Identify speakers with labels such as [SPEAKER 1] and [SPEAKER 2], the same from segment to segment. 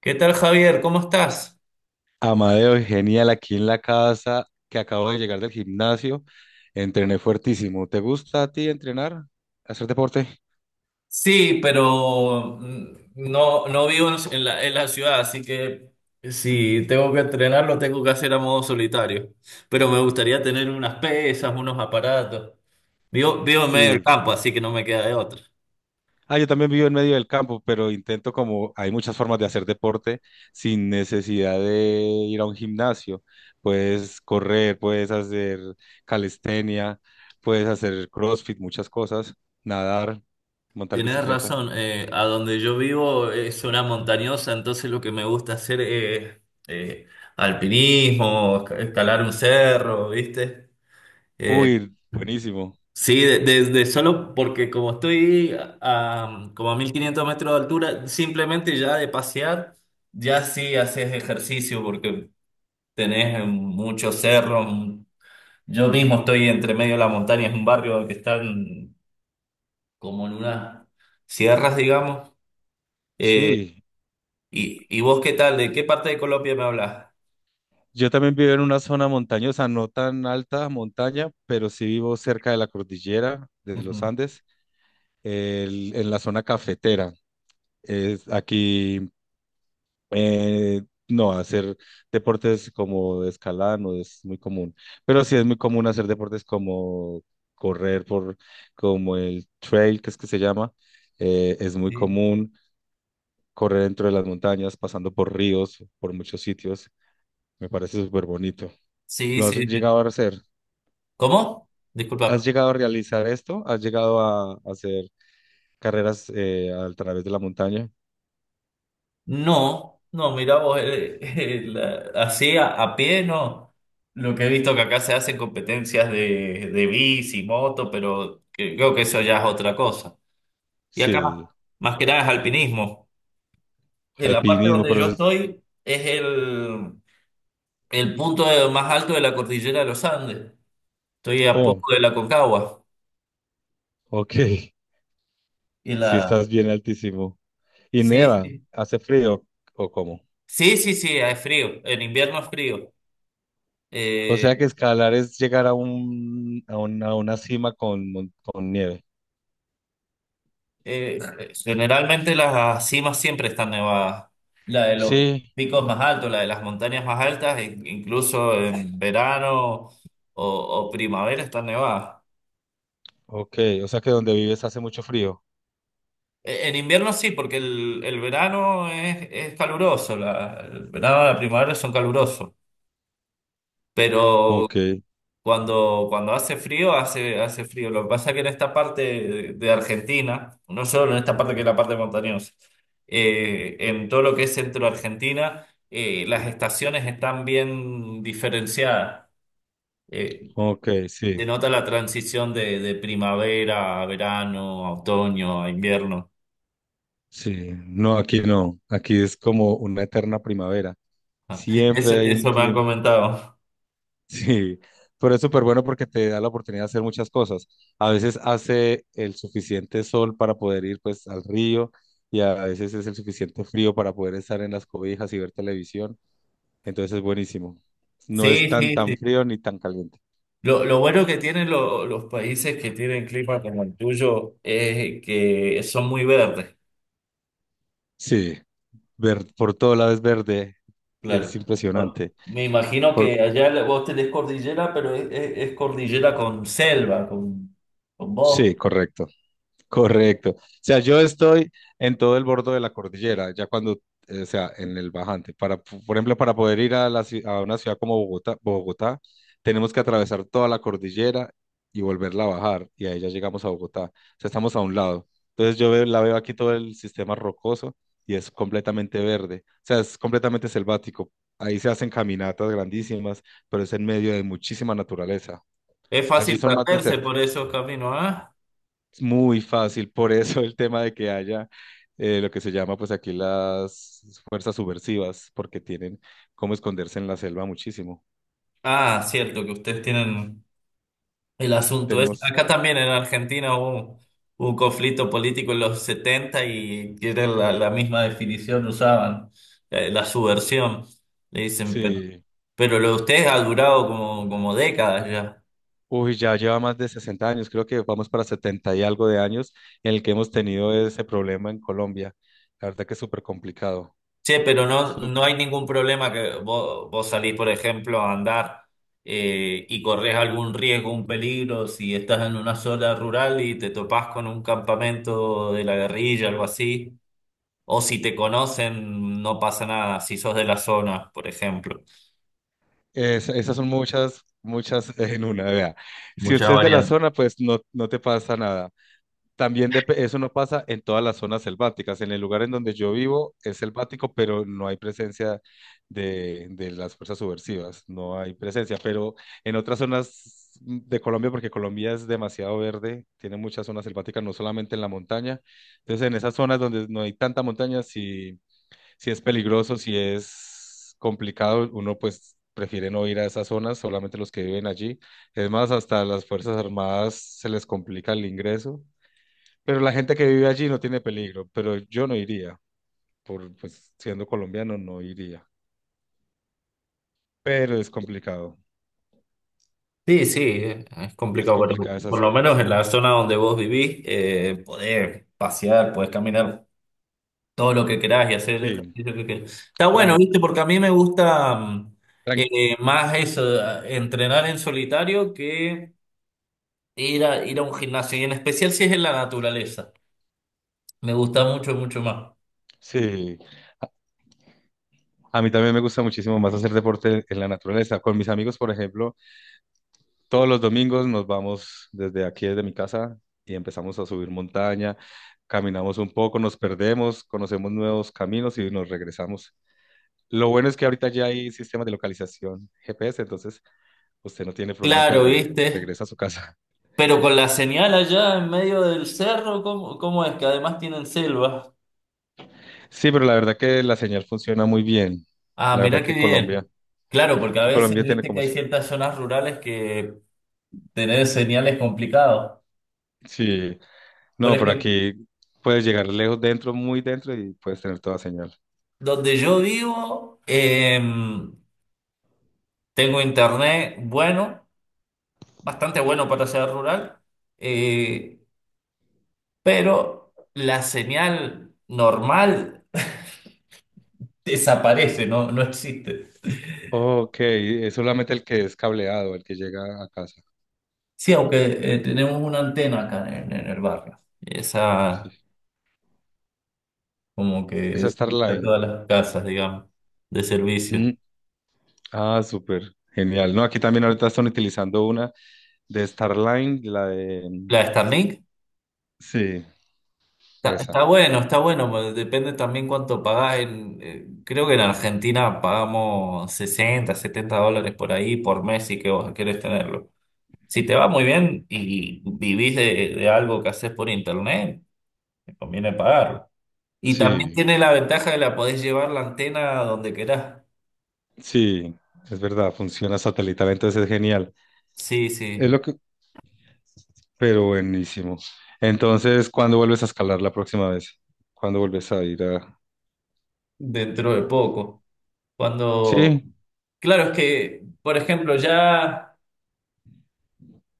[SPEAKER 1] ¿Qué tal, Javier? ¿Cómo estás?
[SPEAKER 2] Amadeo, genial aquí en la casa, que acabo de llegar del gimnasio. Entrené fuertísimo. ¿Te gusta a ti entrenar? ¿Hacer deporte?
[SPEAKER 1] Sí, pero no vivo en la ciudad, así que si tengo que entrenar, lo tengo que hacer a modo solitario. Pero me gustaría tener unas pesas, unos aparatos. Vivo en medio del
[SPEAKER 2] Sí.
[SPEAKER 1] campo, así que no me queda de otra.
[SPEAKER 2] Ah, yo también vivo en medio del campo, pero intento como hay muchas formas de hacer deporte sin necesidad de ir a un gimnasio. Puedes correr, puedes hacer calistenia, puedes hacer CrossFit, muchas cosas, nadar, montar
[SPEAKER 1] Tienes
[SPEAKER 2] bicicleta.
[SPEAKER 1] razón, a donde yo vivo es una montañosa, entonces lo que me gusta hacer es eh, alpinismo, escalar un cerro, ¿viste?
[SPEAKER 2] Uy, buenísimo.
[SPEAKER 1] Sí, desde solo porque como estoy como a 1.500 metros de altura, simplemente ya de pasear, ya sí haces ejercicio porque tenés muchos cerros. Yo mismo estoy entre medio de la montaña, es un barrio que está como en unas sierras, digamos. Eh,
[SPEAKER 2] Sí,
[SPEAKER 1] ¿Y vos qué tal? ¿De qué parte de Colombia me hablas?
[SPEAKER 2] yo también vivo en una zona montañosa, no tan alta montaña, pero sí vivo cerca de la cordillera de los
[SPEAKER 1] Ujú.
[SPEAKER 2] Andes, en la zona cafetera. Es aquí, eh, no, hacer deportes como de escalada no es muy común, pero sí es muy común hacer deportes como correr por, como el trail, que es que se llama, es muy común correr dentro de las montañas, pasando por ríos, por muchos sitios. Me parece súper bonito.
[SPEAKER 1] Sí,
[SPEAKER 2] ¿Lo has
[SPEAKER 1] sí, sí.
[SPEAKER 2] llegado a hacer?
[SPEAKER 1] ¿Cómo?
[SPEAKER 2] ¿Has
[SPEAKER 1] Disculpa.
[SPEAKER 2] llegado a realizar esto? ¿Has llegado a hacer carreras a través de la montaña?
[SPEAKER 1] No, no, mirá vos, así a pie, no. Lo que he visto que acá se hacen competencias de bici, moto, pero creo que eso ya es otra cosa. Y acá
[SPEAKER 2] Sí,
[SPEAKER 1] más que nada es alpinismo. En la parte
[SPEAKER 2] alpinismo,
[SPEAKER 1] donde
[SPEAKER 2] pero
[SPEAKER 1] yo
[SPEAKER 2] es...
[SPEAKER 1] estoy es el punto más alto de la cordillera de los Andes. Estoy a
[SPEAKER 2] Oh,
[SPEAKER 1] poco de la Concagua.
[SPEAKER 2] ok,
[SPEAKER 1] Y
[SPEAKER 2] si
[SPEAKER 1] la...
[SPEAKER 2] estás bien altísimo. ¿Y
[SPEAKER 1] Sí,
[SPEAKER 2] neva?
[SPEAKER 1] sí.
[SPEAKER 2] ¿Hace frío o cómo?
[SPEAKER 1] Sí, sí, sí, es frío. En invierno es frío.
[SPEAKER 2] O
[SPEAKER 1] Eh,
[SPEAKER 2] sea que escalar es llegar a un, a una cima con, con nieve.
[SPEAKER 1] Eh, generalmente las cimas siempre están nevadas. La de los
[SPEAKER 2] Sí,
[SPEAKER 1] picos más altos, la de las montañas más altas, incluso en verano o primavera están nevadas.
[SPEAKER 2] ok, o sea que donde vives hace mucho frío.
[SPEAKER 1] En invierno sí, porque el verano es caluroso, el verano y la primavera son calurosos. Pero
[SPEAKER 2] Ok,
[SPEAKER 1] cuando hace frío, hace frío. Lo que pasa es que en esta parte de Argentina, no solo en esta parte que es la parte montañosa, en todo lo que es centro de Argentina, las estaciones están bien diferenciadas. Eh,
[SPEAKER 2] ok, sí,
[SPEAKER 1] denota la transición de primavera a verano, a otoño, a invierno.
[SPEAKER 2] sí. No, aquí no. Aquí es como una eterna primavera.
[SPEAKER 1] Ah, Eso,
[SPEAKER 2] Siempre hay un
[SPEAKER 1] eso me han
[SPEAKER 2] clima.
[SPEAKER 1] comentado.
[SPEAKER 2] Sí, pero es súper bueno porque te da la oportunidad de hacer muchas cosas. A veces hace el suficiente sol para poder ir pues al río y a veces es el suficiente frío para poder estar en las cobijas y ver televisión. Entonces es buenísimo. No es
[SPEAKER 1] Sí,
[SPEAKER 2] tan
[SPEAKER 1] sí,
[SPEAKER 2] tan
[SPEAKER 1] sí.
[SPEAKER 2] frío ni tan caliente.
[SPEAKER 1] Lo bueno que tienen los países que tienen clima como el tuyo es que son muy verdes.
[SPEAKER 2] Sí, ver por todo lado es verde.
[SPEAKER 1] Claro.
[SPEAKER 2] Es
[SPEAKER 1] Bueno,
[SPEAKER 2] impresionante.
[SPEAKER 1] me imagino
[SPEAKER 2] Por...
[SPEAKER 1] que allá vos tenés cordillera, pero es cordillera con selva, con
[SPEAKER 2] Sí,
[SPEAKER 1] bosque.
[SPEAKER 2] correcto. Correcto. O sea, yo estoy en todo el borde de la cordillera, ya cuando, o sea, en el bajante. Para, por ejemplo, para poder ir a, la, a una ciudad como Bogotá, tenemos que atravesar toda la cordillera y volverla a bajar, y ahí ya llegamos a Bogotá. O sea, estamos a un lado. Entonces la veo aquí todo el sistema rocoso y es completamente verde. O sea, es completamente selvático. Ahí se hacen caminatas grandísimas, pero es en medio de muchísima naturaleza.
[SPEAKER 1] Es
[SPEAKER 2] Allí
[SPEAKER 1] fácil
[SPEAKER 2] son más
[SPEAKER 1] perderse por
[SPEAKER 2] desérticos.
[SPEAKER 1] esos caminos, ¿ah?
[SPEAKER 2] Es muy fácil, por eso el tema de que haya lo que se llama pues aquí las fuerzas subversivas, porque tienen cómo esconderse en la selva muchísimo.
[SPEAKER 1] Ah, cierto, que ustedes tienen el asunto ese.
[SPEAKER 2] Tenemos,
[SPEAKER 1] Acá también en Argentina hubo un conflicto político en los 70 y era la misma definición usaban, la subversión, le dicen, pero,
[SPEAKER 2] sí,
[SPEAKER 1] lo de ustedes ha durado como décadas ya.
[SPEAKER 2] uy, ya lleva más de 60 años, creo que vamos para 70 y algo de años en el que hemos tenido ese problema en Colombia. La verdad que es súper complicado.
[SPEAKER 1] Che, pero no
[SPEAKER 2] Súper.
[SPEAKER 1] hay ningún problema que vos salís, por ejemplo, a andar y corres algún riesgo, un peligro, si estás en una zona rural y te topás con un campamento de la guerrilla, algo así, o si te conocen, no pasa nada, si sos de la zona, por ejemplo.
[SPEAKER 2] Es- esas son muchas en una. Vea, si
[SPEAKER 1] Muchas
[SPEAKER 2] usted es de la
[SPEAKER 1] variantes.
[SPEAKER 2] zona, pues no, no te pasa nada. También eso no pasa en todas las zonas selváticas. En el lugar en donde yo vivo es selvático, pero no hay presencia de las fuerzas subversivas, no hay presencia. Pero en otras zonas de Colombia, porque Colombia es demasiado verde, tiene muchas zonas selváticas, no solamente en la montaña. Entonces, en esas zonas donde no hay tanta montaña, si, si es peligroso, si es complicado, uno pues prefiere no ir a esas zonas, solamente los que viven allí. Es más, hasta a las Fuerzas Armadas se les complica el ingreso pero la gente que vive allí no tiene peligro, pero yo no iría, por pues, siendo colombiano no iría. Pero es complicado,
[SPEAKER 1] Sí, sí, es
[SPEAKER 2] es
[SPEAKER 1] complicado, pero
[SPEAKER 2] complicada esas
[SPEAKER 1] por lo menos
[SPEAKER 2] zonas.
[SPEAKER 1] en la zona donde vos vivís, podés pasear, podés caminar todo lo que querás y hacer el
[SPEAKER 2] Sí,
[SPEAKER 1] ejercicio que querás. Está bueno,
[SPEAKER 2] tran,
[SPEAKER 1] ¿viste? Porque a mí me gusta
[SPEAKER 2] tran-
[SPEAKER 1] más eso, entrenar en solitario que ir a un gimnasio, y en especial si es en la naturaleza. Me gusta mucho, mucho más.
[SPEAKER 2] sí. A, a mí también me gusta muchísimo más hacer deporte en la naturaleza. Con mis amigos, por ejemplo, todos los domingos nos vamos desde aquí, desde mi casa, y empezamos a subir montaña, caminamos un poco, nos perdemos, conocemos nuevos caminos y nos regresamos. Lo bueno es que ahorita ya hay sistemas de localización GPS, entonces usted no tiene problema en
[SPEAKER 1] Claro,
[SPEAKER 2] pérdida,
[SPEAKER 1] ¿viste?
[SPEAKER 2] regresa a su casa.
[SPEAKER 1] Pero con la señal allá en medio del cerro, ¿cómo es? Que además tienen selva.
[SPEAKER 2] Sí, pero la verdad que la señal funciona muy bien.
[SPEAKER 1] Ah,
[SPEAKER 2] La
[SPEAKER 1] mirá
[SPEAKER 2] verdad
[SPEAKER 1] qué
[SPEAKER 2] que
[SPEAKER 1] bien. Claro, porque a veces,
[SPEAKER 2] Colombia tiene
[SPEAKER 1] viste que
[SPEAKER 2] como
[SPEAKER 1] hay
[SPEAKER 2] eso.
[SPEAKER 1] ciertas zonas rurales que tener señal es complicado.
[SPEAKER 2] Sí,
[SPEAKER 1] Por
[SPEAKER 2] no, pero
[SPEAKER 1] ejemplo,
[SPEAKER 2] aquí puedes llegar lejos dentro, muy dentro y puedes tener toda señal.
[SPEAKER 1] donde yo vivo, tengo internet bueno, bastante bueno para ser rural, eh, pero la señal normal desaparece, no existe.
[SPEAKER 2] Ok, es solamente el que es cableado, el que llega a casa.
[SPEAKER 1] Sí, aunque tenemos una antena acá en el barrio. Esa como que
[SPEAKER 2] Esa
[SPEAKER 1] es para
[SPEAKER 2] Starline.
[SPEAKER 1] todas las casas, digamos, de servicio.
[SPEAKER 2] Mm, ah, súper, genial. No, aquí también ahorita están utilizando una de Starline, la de...
[SPEAKER 1] La Starlink
[SPEAKER 2] Sí,
[SPEAKER 1] está
[SPEAKER 2] esa.
[SPEAKER 1] bueno, está bueno, pero depende también cuánto pagás. Creo que en Argentina pagamos 60, US$70 por ahí por mes si que vos querés tenerlo. Si te va muy bien y vivís de algo que haces por internet, te conviene pagarlo. Y también
[SPEAKER 2] Sí,
[SPEAKER 1] tiene la ventaja de la podés llevar la antena a donde querás.
[SPEAKER 2] sí, es verdad, funciona satelital, entonces es genial.
[SPEAKER 1] Sí,
[SPEAKER 2] Es
[SPEAKER 1] sí,
[SPEAKER 2] lo que, pero buenísimo. Entonces, ¿cuándo vuelves a escalar la próxima vez? ¿Cuándo vuelves a ir a...?
[SPEAKER 1] dentro de poco. Cuando,
[SPEAKER 2] Sí,
[SPEAKER 1] claro, es que, por ejemplo, ya.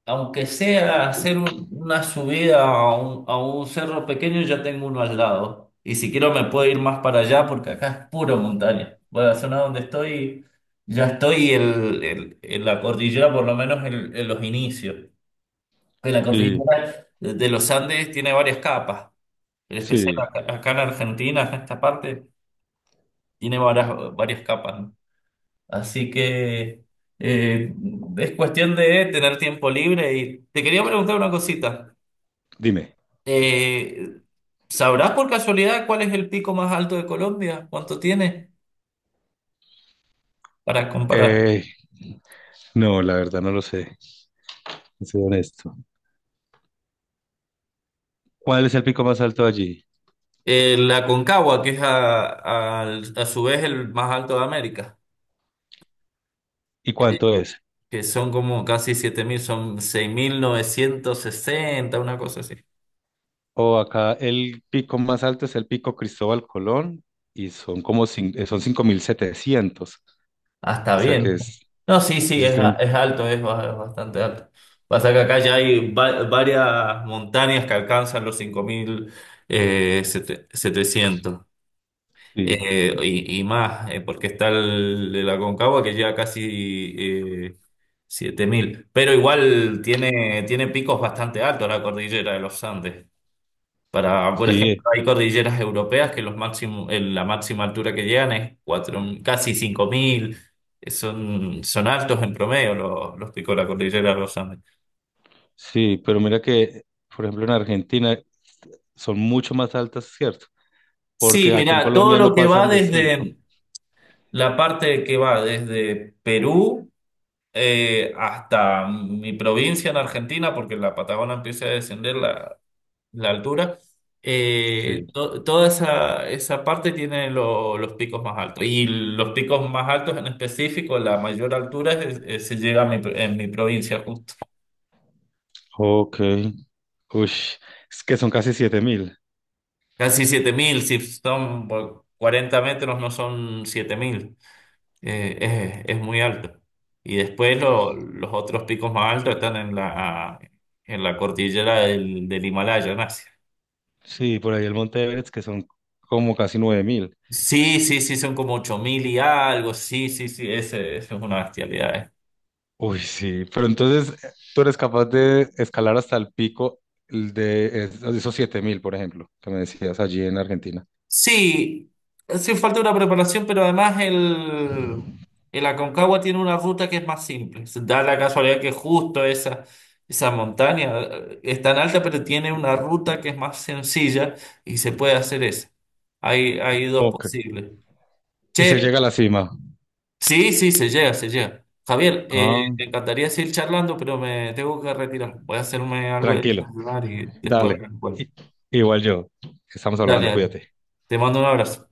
[SPEAKER 1] Aunque sea hacer una subida a un cerro pequeño, ya tengo uno al lado. Y si quiero me puedo ir más para allá porque acá es puro montaña. Bueno, la zona donde estoy, ya estoy en la cordillera, por lo menos en los inicios. En la
[SPEAKER 2] sí,
[SPEAKER 1] cordillera de los Andes tiene varias capas. En especial
[SPEAKER 2] sí.
[SPEAKER 1] acá en Argentina, en esta parte, tiene varias, varias capas, ¿no? Así que eh, es cuestión de tener tiempo libre. Y te quería preguntar una cosita.
[SPEAKER 2] Dime.
[SPEAKER 1] Eh, ¿Sabrás por casualidad cuál es el pico más alto de Colombia? ¿Cuánto tiene? Para comparar.
[SPEAKER 2] Eh, no, la verdad no lo sé. Soy honesto. ¿Cuál es el pico más alto allí?
[SPEAKER 1] La Concagua, que es a su vez el más alto de América,
[SPEAKER 2] ¿Y
[SPEAKER 1] eh,
[SPEAKER 2] cuánto es?
[SPEAKER 1] que son como casi 7.000, son 6.960, una cosa así.
[SPEAKER 2] O acá el pico más alto es el pico Cristóbal Colón y son como son 5.700.
[SPEAKER 1] Hasta
[SPEAKER 2] O sea
[SPEAKER 1] bien.
[SPEAKER 2] que es...
[SPEAKER 1] No, sí, sí,
[SPEAKER 2] ese es
[SPEAKER 1] es, a-
[SPEAKER 2] el-
[SPEAKER 1] es alto, es bastante alto. Pasa que acá ya hay varias montañas que alcanzan los 5.700.
[SPEAKER 2] sí,
[SPEAKER 1] Y más, porque está el Aconcagua que llega casi 7.000. Pero igual tiene picos bastante altos la cordillera de los Andes. Por
[SPEAKER 2] sí,
[SPEAKER 1] ejemplo, hay cordilleras europeas que los máximo, la máxima altura que llegan es cuatro casi 5.000. Son altos en promedio los picos de la cordillera de los Andes.
[SPEAKER 2] sí. Pero mira que, por ejemplo, en Argentina son mucho más altas, ¿cierto?
[SPEAKER 1] Sí,
[SPEAKER 2] Porque aquí en
[SPEAKER 1] mirá, todo
[SPEAKER 2] Colombia no
[SPEAKER 1] lo que va
[SPEAKER 2] pasan de cinco.
[SPEAKER 1] desde la parte que va desde Perú. Hasta mi provincia en Argentina, porque la Patagonia empieza a descender la altura,
[SPEAKER 2] Sí.
[SPEAKER 1] toda esa parte tiene los picos más altos. Y los picos más altos en específico, la mayor altura se llega a en mi provincia justo.
[SPEAKER 2] Ok. Ush, es que son casi 7.000.
[SPEAKER 1] Casi 7.000 si son por 40 metros, no son 7.000. Es muy alto. Y después los otros picos más altos están en la cordillera del Himalaya, ¿no?
[SPEAKER 2] Sí, por ahí el Monte Everest, que son como casi 9.000.
[SPEAKER 1] Sí, sí, sí, son como 8.000 y algo. Sí, sí, sí, ese es una bestialidad.
[SPEAKER 2] Uy, sí. Pero entonces, ¿tú eres capaz de escalar hasta el pico de es- esos 7.000, por ejemplo, que me decías allí en Argentina?
[SPEAKER 1] Sí, sí falta una preparación, pero además el Aconcagua tiene una ruta que es más simple. Se da la casualidad que justo esa montaña es tan alta, pero tiene una ruta que es más sencilla y se puede hacer esa. Hay dos
[SPEAKER 2] Ok.
[SPEAKER 1] posibles.
[SPEAKER 2] Y se
[SPEAKER 1] Che,
[SPEAKER 2] llega a la cima.
[SPEAKER 1] sí, sí, se llega, se llega. Javier,
[SPEAKER 2] Ah,
[SPEAKER 1] me encantaría seguir charlando, pero me tengo que retirar. Voy a hacerme algo de
[SPEAKER 2] tranquilo.
[SPEAKER 1] desayunar y después
[SPEAKER 2] Dale.
[SPEAKER 1] vuelvo.
[SPEAKER 2] I- igual yo. Estamos
[SPEAKER 1] Dale,
[SPEAKER 2] hablando,
[SPEAKER 1] dale.
[SPEAKER 2] cuídate.
[SPEAKER 1] Te mando un abrazo.